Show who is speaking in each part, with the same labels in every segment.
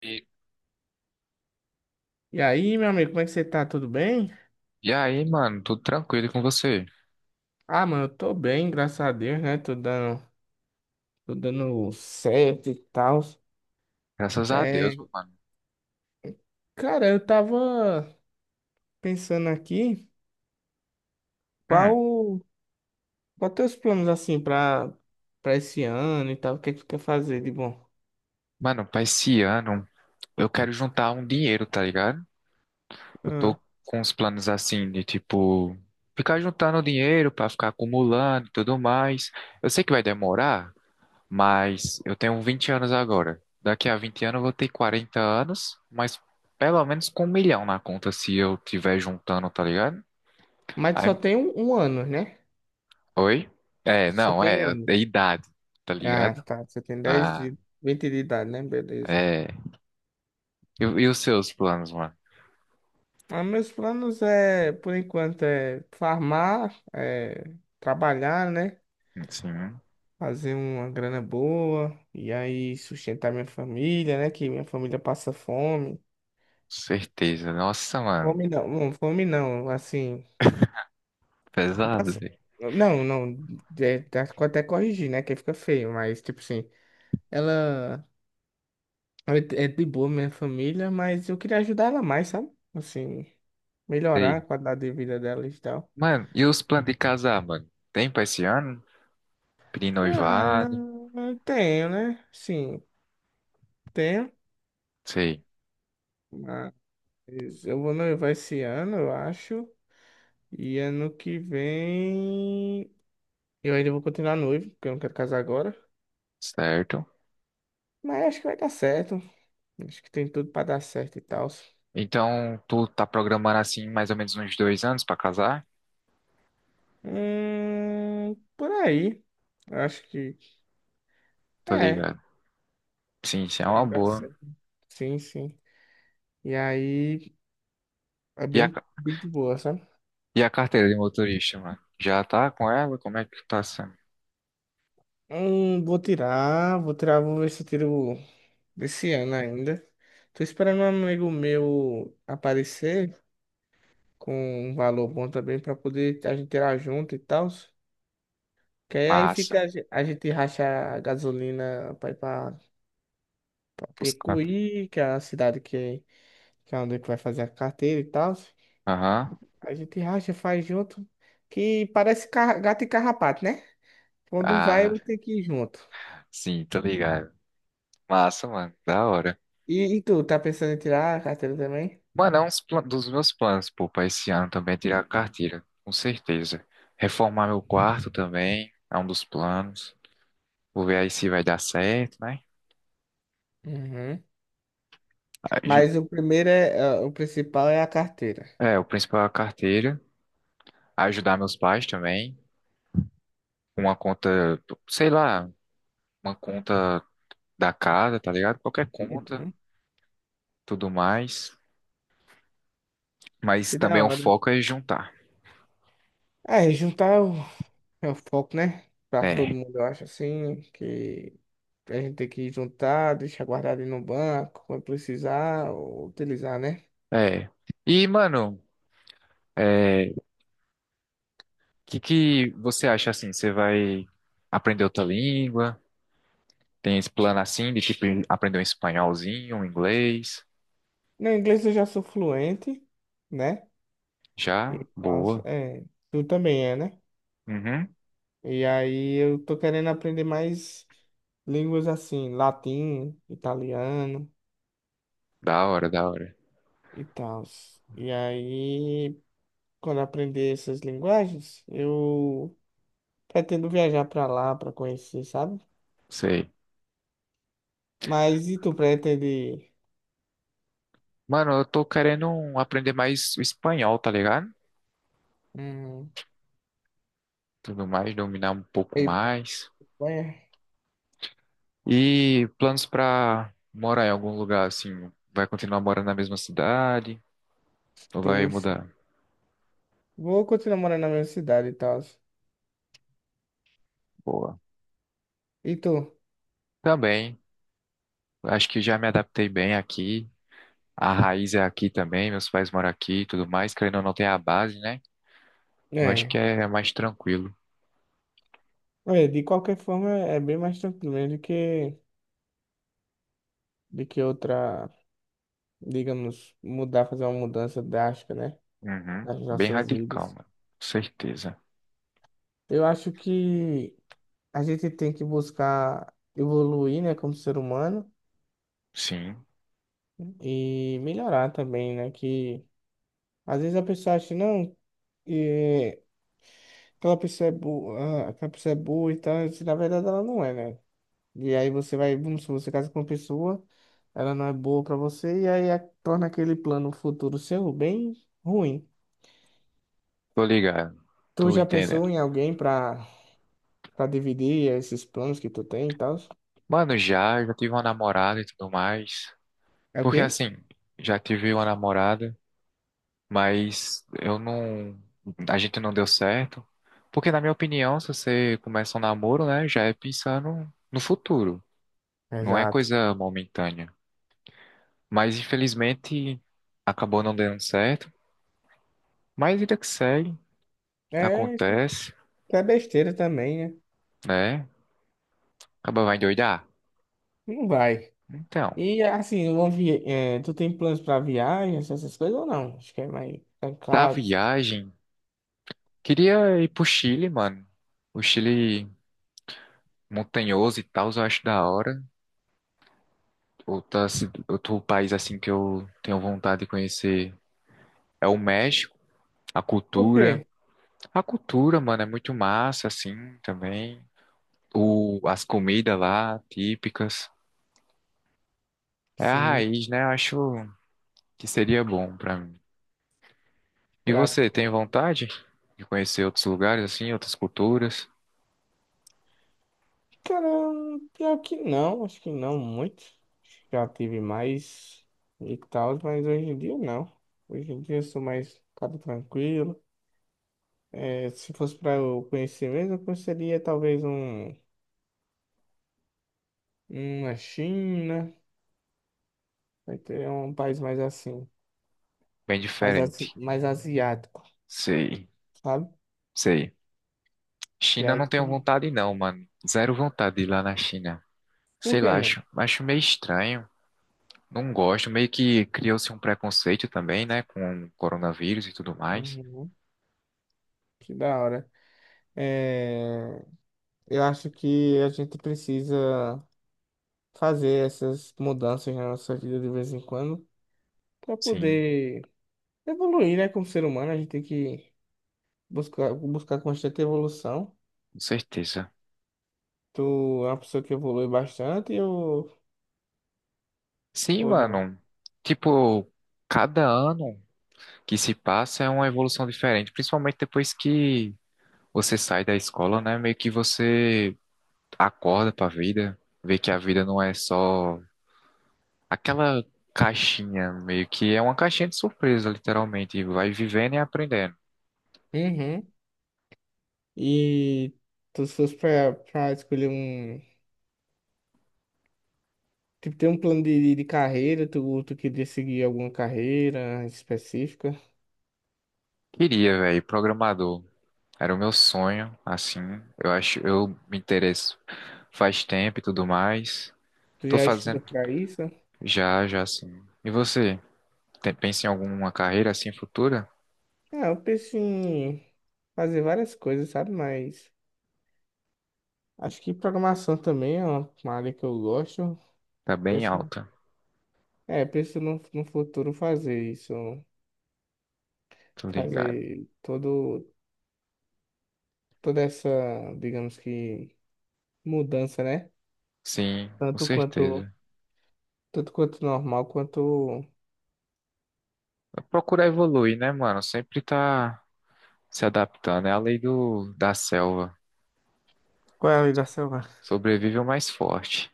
Speaker 1: E,
Speaker 2: E aí, meu amigo, como é que você tá? Tudo bem?
Speaker 1: e aí, mano, tudo tranquilo com você?
Speaker 2: Ah, mano, eu tô bem, graças a Deus, né? Tô dando certo e tal.
Speaker 1: Graças a Deus,
Speaker 2: É,
Speaker 1: mano.
Speaker 2: cara, eu tava pensando aqui,
Speaker 1: Hum,
Speaker 2: qual, qual teus planos assim pra esse ano e tal? O que é que tu quer fazer de bom?
Speaker 1: mano, pra esse ano, eu quero juntar um dinheiro, tá ligado? Eu
Speaker 2: Ah,
Speaker 1: tô com uns planos assim de tipo, ficar juntando dinheiro pra ficar acumulando e tudo mais. Eu sei que vai demorar, mas eu tenho 20 anos agora. Daqui a 20 anos eu vou ter 40 anos, mas pelo menos com 1 milhão na conta se eu tiver juntando, tá ligado?
Speaker 2: mas só
Speaker 1: Aí,
Speaker 2: tem um ano, né?
Speaker 1: oi? É,
Speaker 2: Só
Speaker 1: não,
Speaker 2: tem um
Speaker 1: é,
Speaker 2: ano.
Speaker 1: é idade, tá
Speaker 2: Ah,
Speaker 1: ligado?
Speaker 2: tá. Você tem 10
Speaker 1: Ah,
Speaker 2: e vinte de idade, né? Beleza.
Speaker 1: é. E os seus planos, mano?
Speaker 2: Ah, meus planos é, por enquanto, é farmar, é trabalhar, né?
Speaker 1: Sim,
Speaker 2: Fazer uma grana boa e aí sustentar minha família, né? Que minha família passa fome.
Speaker 1: certeza. Nossa, mano.
Speaker 2: Fome não, não, fome não, assim,
Speaker 1: Pesado,
Speaker 2: passa...
Speaker 1: velho.
Speaker 2: Não, não, é, até corrigir, né? Que fica feio, mas tipo assim, ela ela é de boa minha família, mas eu queria ajudar ela mais, sabe? Assim, melhorar
Speaker 1: Sei.
Speaker 2: a qualidade de vida dela e tal.
Speaker 1: Mano, e os planos de casar, mano? Tem pra esse ano? Pedir
Speaker 2: Ah,
Speaker 1: noivado?
Speaker 2: eu tenho, né? Sim, tenho.
Speaker 1: Sei.
Speaker 2: Mas eu vou noivar esse ano, eu acho. E ano que vem eu ainda vou continuar noivo, porque eu não quero casar agora.
Speaker 1: Certo.
Speaker 2: Mas acho que vai dar certo. Acho que tem tudo pra dar certo e tal.
Speaker 1: Então, tu tá programando assim mais ou menos uns 2 anos pra casar?
Speaker 2: Por aí. Acho que
Speaker 1: Tô
Speaker 2: é.
Speaker 1: ligado. Sim,
Speaker 2: Acho
Speaker 1: sim, é
Speaker 2: que vai
Speaker 1: uma
Speaker 2: dar
Speaker 1: boa.
Speaker 2: certo. Sim, sim. E aí é
Speaker 1: E a,
Speaker 2: bem,
Speaker 1: ca-
Speaker 2: bem de boa, sabe?
Speaker 1: e a carteira de motorista, mano? Já tá com ela? Como é que tá sendo?
Speaker 2: Vou tirar, vou ver se eu tiro desse ano ainda. Tô esperando um amigo meu aparecer com um valor bom também pra poder a gente tirar junto e tal. Que aí
Speaker 1: Massa.
Speaker 2: fica, a a gente racha a gasolina pra ir pra
Speaker 1: Buscando.
Speaker 2: Picuí, que é a cidade que é onde que vai fazer a carteira e tal.
Speaker 1: Aham.
Speaker 2: A gente racha, faz junto, que parece gato e carrapato, né? Quando um vai,
Speaker 1: Ah,
Speaker 2: eu tenho que ir junto.
Speaker 1: sim, tô ligado. Massa, mano. Da hora.
Speaker 2: E tu, tá pensando em tirar a carteira também?
Speaker 1: Mano, é um dos meus planos, pô, pra esse ano também é tirar a carteira, com certeza. Reformar meu quarto também é um dos planos. Vou ver aí se vai dar certo, né?
Speaker 2: Uhum.
Speaker 1: Aju-
Speaker 2: Mas o primeiro o principal é a carteira.
Speaker 1: É, o principal é a carteira. Ajudar meus pais também. Uma conta, sei lá, uma conta da casa, tá ligado? Qualquer conta,
Speaker 2: Uhum.
Speaker 1: tudo mais. Mas
Speaker 2: Que
Speaker 1: também
Speaker 2: da
Speaker 1: o
Speaker 2: hora.
Speaker 1: foco é juntar.
Speaker 2: É, juntar é o foco, né? Pra todo
Speaker 1: É,
Speaker 2: mundo, eu acho assim, que a gente tem que juntar, deixar guardado aí no banco, quando precisar, ou utilizar, né?
Speaker 1: é. E, mano, é, o que que você acha assim? Você vai aprender outra língua? Tem esse plano assim de tipo aprender um espanholzinho, um inglês.
Speaker 2: No inglês eu já sou fluente, né?
Speaker 1: Já?
Speaker 2: E faço,
Speaker 1: Boa.
Speaker 2: é, tu também é, né?
Speaker 1: Uhum.
Speaker 2: E aí eu tô querendo aprender mais línguas assim, latim, italiano
Speaker 1: Da hora, da hora.
Speaker 2: e tal. E aí, quando eu aprender essas linguagens, eu pretendo viajar pra lá pra conhecer, sabe?
Speaker 1: Sei.
Speaker 2: Mas e tu pretende
Speaker 1: Mano, eu tô querendo aprender mais o espanhol, tá ligado?
Speaker 2: hum,
Speaker 1: Tudo mais, dominar um pouco
Speaker 2: ir pra
Speaker 1: mais.
Speaker 2: Espanha?
Speaker 1: E planos pra morar em algum lugar assim? Vai continuar morando na mesma cidade? Ou vai
Speaker 2: Sim,
Speaker 1: mudar?
Speaker 2: vou continuar morando na mesma cidade e tal.
Speaker 1: Boa.
Speaker 2: E tu?
Speaker 1: Também. Acho que já me adaptei bem aqui. A raiz é aqui também, meus pais moram aqui e tudo mais. Querendo ou não, tem a base, né? Eu acho que
Speaker 2: É.
Speaker 1: é mais tranquilo.
Speaker 2: É, de qualquer forma, é bem mais tranquilo mesmo do que outra, digamos, mudar, fazer uma mudança drástica, né?
Speaker 1: Uhum.
Speaker 2: Nas
Speaker 1: Bem
Speaker 2: nossas
Speaker 1: radical,
Speaker 2: vidas.
Speaker 1: mano. Com certeza.
Speaker 2: Eu acho que a gente tem que buscar evoluir, né, como ser humano
Speaker 1: Sim.
Speaker 2: e melhorar também, né? Que às vezes a pessoa acha, não, é, aquela pessoa é boa, aquela pessoa é boa e tal, e na verdade ela não é, né? E aí você vai, vamos supor, você casa com uma pessoa, ela não é boa pra você, e aí torna aquele plano futuro seu bem ruim.
Speaker 1: Tô ligado.
Speaker 2: Tu
Speaker 1: Tô
Speaker 2: já pensou
Speaker 1: entendendo.
Speaker 2: em alguém pra dividir esses planos que tu tem e tal?
Speaker 1: Mano, já tive uma namorada e tudo mais.
Speaker 2: É o
Speaker 1: Porque
Speaker 2: quê?
Speaker 1: assim, já tive uma namorada, mas eu não. A gente não deu certo. Porque, na minha opinião, se você começa um namoro, né, já é pensando no futuro. Não é
Speaker 2: Exato.
Speaker 1: coisa momentânea. Mas, infelizmente, acabou não dando certo. Mas vida que segue,
Speaker 2: É, isso
Speaker 1: acontece,
Speaker 2: é besteira também, né?
Speaker 1: né? Acaba vai endoidar.
Speaker 2: Não vai.
Speaker 1: Então.
Speaker 2: E assim, é, tu tem planos pra viagens, essas coisas ou não? Acho que é mais ficar em
Speaker 1: Pra
Speaker 2: casa.
Speaker 1: viagem, queria ir pro Chile, mano. O Chile montanhoso e tal, eu acho da hora. Outro país assim que eu tenho vontade de conhecer é o México. A
Speaker 2: Por
Speaker 1: cultura.
Speaker 2: quê?
Speaker 1: A cultura, mano, é muito massa, assim, também. As comidas lá, típicas. É a
Speaker 2: Sim,
Speaker 1: raiz, né? Eu acho que seria bom pra mim. E
Speaker 2: pra
Speaker 1: você, tem vontade de conhecer outros lugares, assim, outras culturas?
Speaker 2: cara, pior que não, acho que não muito. Já tive mais e tal, mas hoje em dia não. Hoje em dia eu sou mais cara tranquilo. É, se fosse pra eu conhecer mesmo, eu conheceria talvez um, uma China, vai ter um país mais assim,
Speaker 1: Bem
Speaker 2: mais,
Speaker 1: diferente.
Speaker 2: mais asiático,
Speaker 1: Sei,
Speaker 2: sabe?
Speaker 1: sei.
Speaker 2: E
Speaker 1: China
Speaker 2: aí,
Speaker 1: não tenho vontade não, mano. Zero vontade de ir lá na China.
Speaker 2: por
Speaker 1: Sei
Speaker 2: quê,
Speaker 1: lá,
Speaker 2: mano?
Speaker 1: acho meio estranho. Não gosto. Meio que criou-se um preconceito também, né? Com o coronavírus e tudo mais.
Speaker 2: Uhum, que da hora. É, eu acho que a gente precisa fazer essas mudanças na nossa vida de vez em quando para
Speaker 1: Sim,
Speaker 2: poder evoluir, né? Como ser humano, a gente tem que buscar constante evolução.
Speaker 1: com certeza.
Speaker 2: Tu é uma pessoa que evolui bastante
Speaker 1: Sim,
Speaker 2: ou não?
Speaker 1: mano. Tipo, cada ano que se passa é uma evolução diferente. Principalmente depois que você sai da escola, né? Meio que você acorda pra vida. Vê que a vida não é só aquela caixinha, meio que é uma caixinha de surpresa, literalmente. E vai vivendo e aprendendo.
Speaker 2: Uhum. E tu se fosse pra escolher um. Tipo, ter um plano de carreira, tu queria seguir alguma carreira específica?
Speaker 1: Queria, velho, programador. Era o meu sonho, assim. Eu acho, eu me interesso faz tempo e tudo mais.
Speaker 2: Tu
Speaker 1: Tô
Speaker 2: já estuda
Speaker 1: fazendo
Speaker 2: pra isso?
Speaker 1: já assim. E você? Pensa em alguma carreira assim futura?
Speaker 2: Ah, eu penso em fazer várias coisas, sabe? Mas. Acho que programação também é uma área que eu gosto.
Speaker 1: Tá bem
Speaker 2: Penso,
Speaker 1: alta,
Speaker 2: é, penso no futuro fazer isso,
Speaker 1: tô ligado.
Speaker 2: fazer todo, toda essa, digamos que, mudança, né?
Speaker 1: Sim, com
Speaker 2: Tanto quanto,
Speaker 1: certeza.
Speaker 2: tanto quanto normal, quanto...
Speaker 1: Procurar evoluir, né, mano? Sempre tá se adaptando. É a lei do, da selva.
Speaker 2: Qual é a lei da selva?
Speaker 1: Sobrevive o mais forte.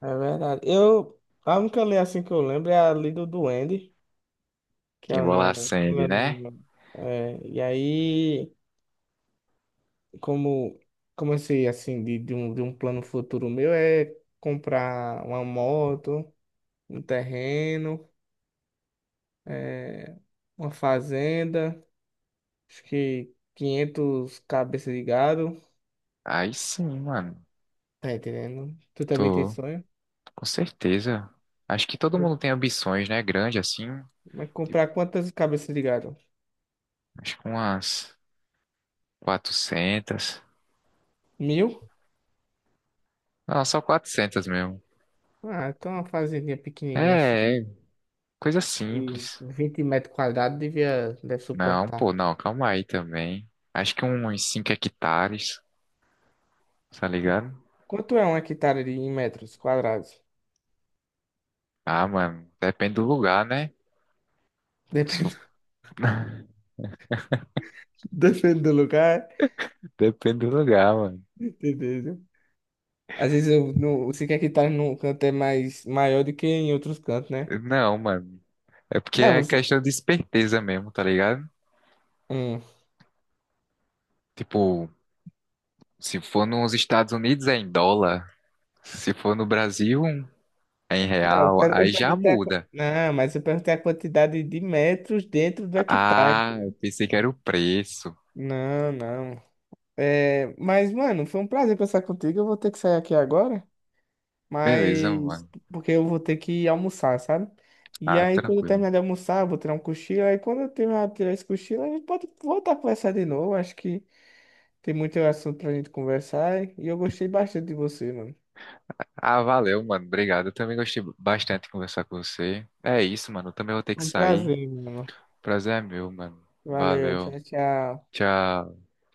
Speaker 2: É verdade. Eu, a única lei assim que eu lembro é a lei do duende, que ela
Speaker 1: Embolar a
Speaker 2: não...
Speaker 1: Sandy,
Speaker 2: Ela
Speaker 1: né?
Speaker 2: não é, e aí... como, como eu sei, assim, de um plano futuro meu é comprar uma moto, um terreno, é, uma fazenda, acho que 500 cabeças de gado,
Speaker 1: Aí sim, mano.
Speaker 2: tá entendendo? Tu também tem
Speaker 1: Tô,
Speaker 2: sonho?
Speaker 1: com certeza. Acho que todo mundo tem ambições, né? Grande assim.
Speaker 2: Mas
Speaker 1: Tipo,
Speaker 2: comprar quantas cabeças de gado?
Speaker 1: acho que umas 400.
Speaker 2: Mil?
Speaker 1: Não, só 400 mesmo.
Speaker 2: Ah, então uma fazendinha pequenininha
Speaker 1: É,
Speaker 2: assim,
Speaker 1: é, coisa
Speaker 2: de
Speaker 1: simples.
Speaker 2: 20 metros quadrados devia, deve
Speaker 1: Não,
Speaker 2: suportar.
Speaker 1: pô, não, calma aí também. Acho que uns 5 hectares, tá ligado?
Speaker 2: Quanto é uma hectare de, em metros quadrados?
Speaker 1: Ah, mano, depende do lugar, né? Se for-
Speaker 2: Depende, depende do lugar.
Speaker 1: Depende do lugar, mano.
Speaker 2: Entendeu? Às vezes eu não, você quer que tá num canto é mais maior do que em outros cantos, né?
Speaker 1: Não, mano. É porque
Speaker 2: Não,
Speaker 1: é
Speaker 2: você.
Speaker 1: questão de esperteza mesmo, tá ligado?
Speaker 2: Hum.
Speaker 1: Tipo, se for nos Estados Unidos é em dólar, se for no Brasil é em
Speaker 2: Não, eu
Speaker 1: real,
Speaker 2: per-
Speaker 1: aí
Speaker 2: eu
Speaker 1: já
Speaker 2: perguntei
Speaker 1: muda.
Speaker 2: não, mas eu perguntei a quantidade de metros dentro do hectare.
Speaker 1: Ah, eu pensei que era o preço.
Speaker 2: Não, não. É, mas, mano, foi um prazer conversar contigo. Eu vou ter que sair aqui agora,
Speaker 1: Beleza,
Speaker 2: mas
Speaker 1: mano.
Speaker 2: porque eu vou ter que almoçar, sabe? E
Speaker 1: Ah,
Speaker 2: aí, quando eu
Speaker 1: tranquilo.
Speaker 2: terminar de almoçar, eu vou tirar um cochilo. Aí, quando eu terminar de tirar esse cochilo, a gente pode voltar a conversar de novo. Acho que tem muito assunto pra gente conversar e eu gostei bastante de você, mano.
Speaker 1: Ah, valeu, mano. Obrigado. Eu também gostei bastante de conversar com você. É isso, mano. Eu também vou ter que
Speaker 2: Foi um
Speaker 1: sair.
Speaker 2: prazer, mano.
Speaker 1: Prazer é meu, mano.
Speaker 2: Valeu,
Speaker 1: Valeu.
Speaker 2: tchau, tchau.
Speaker 1: Tchau.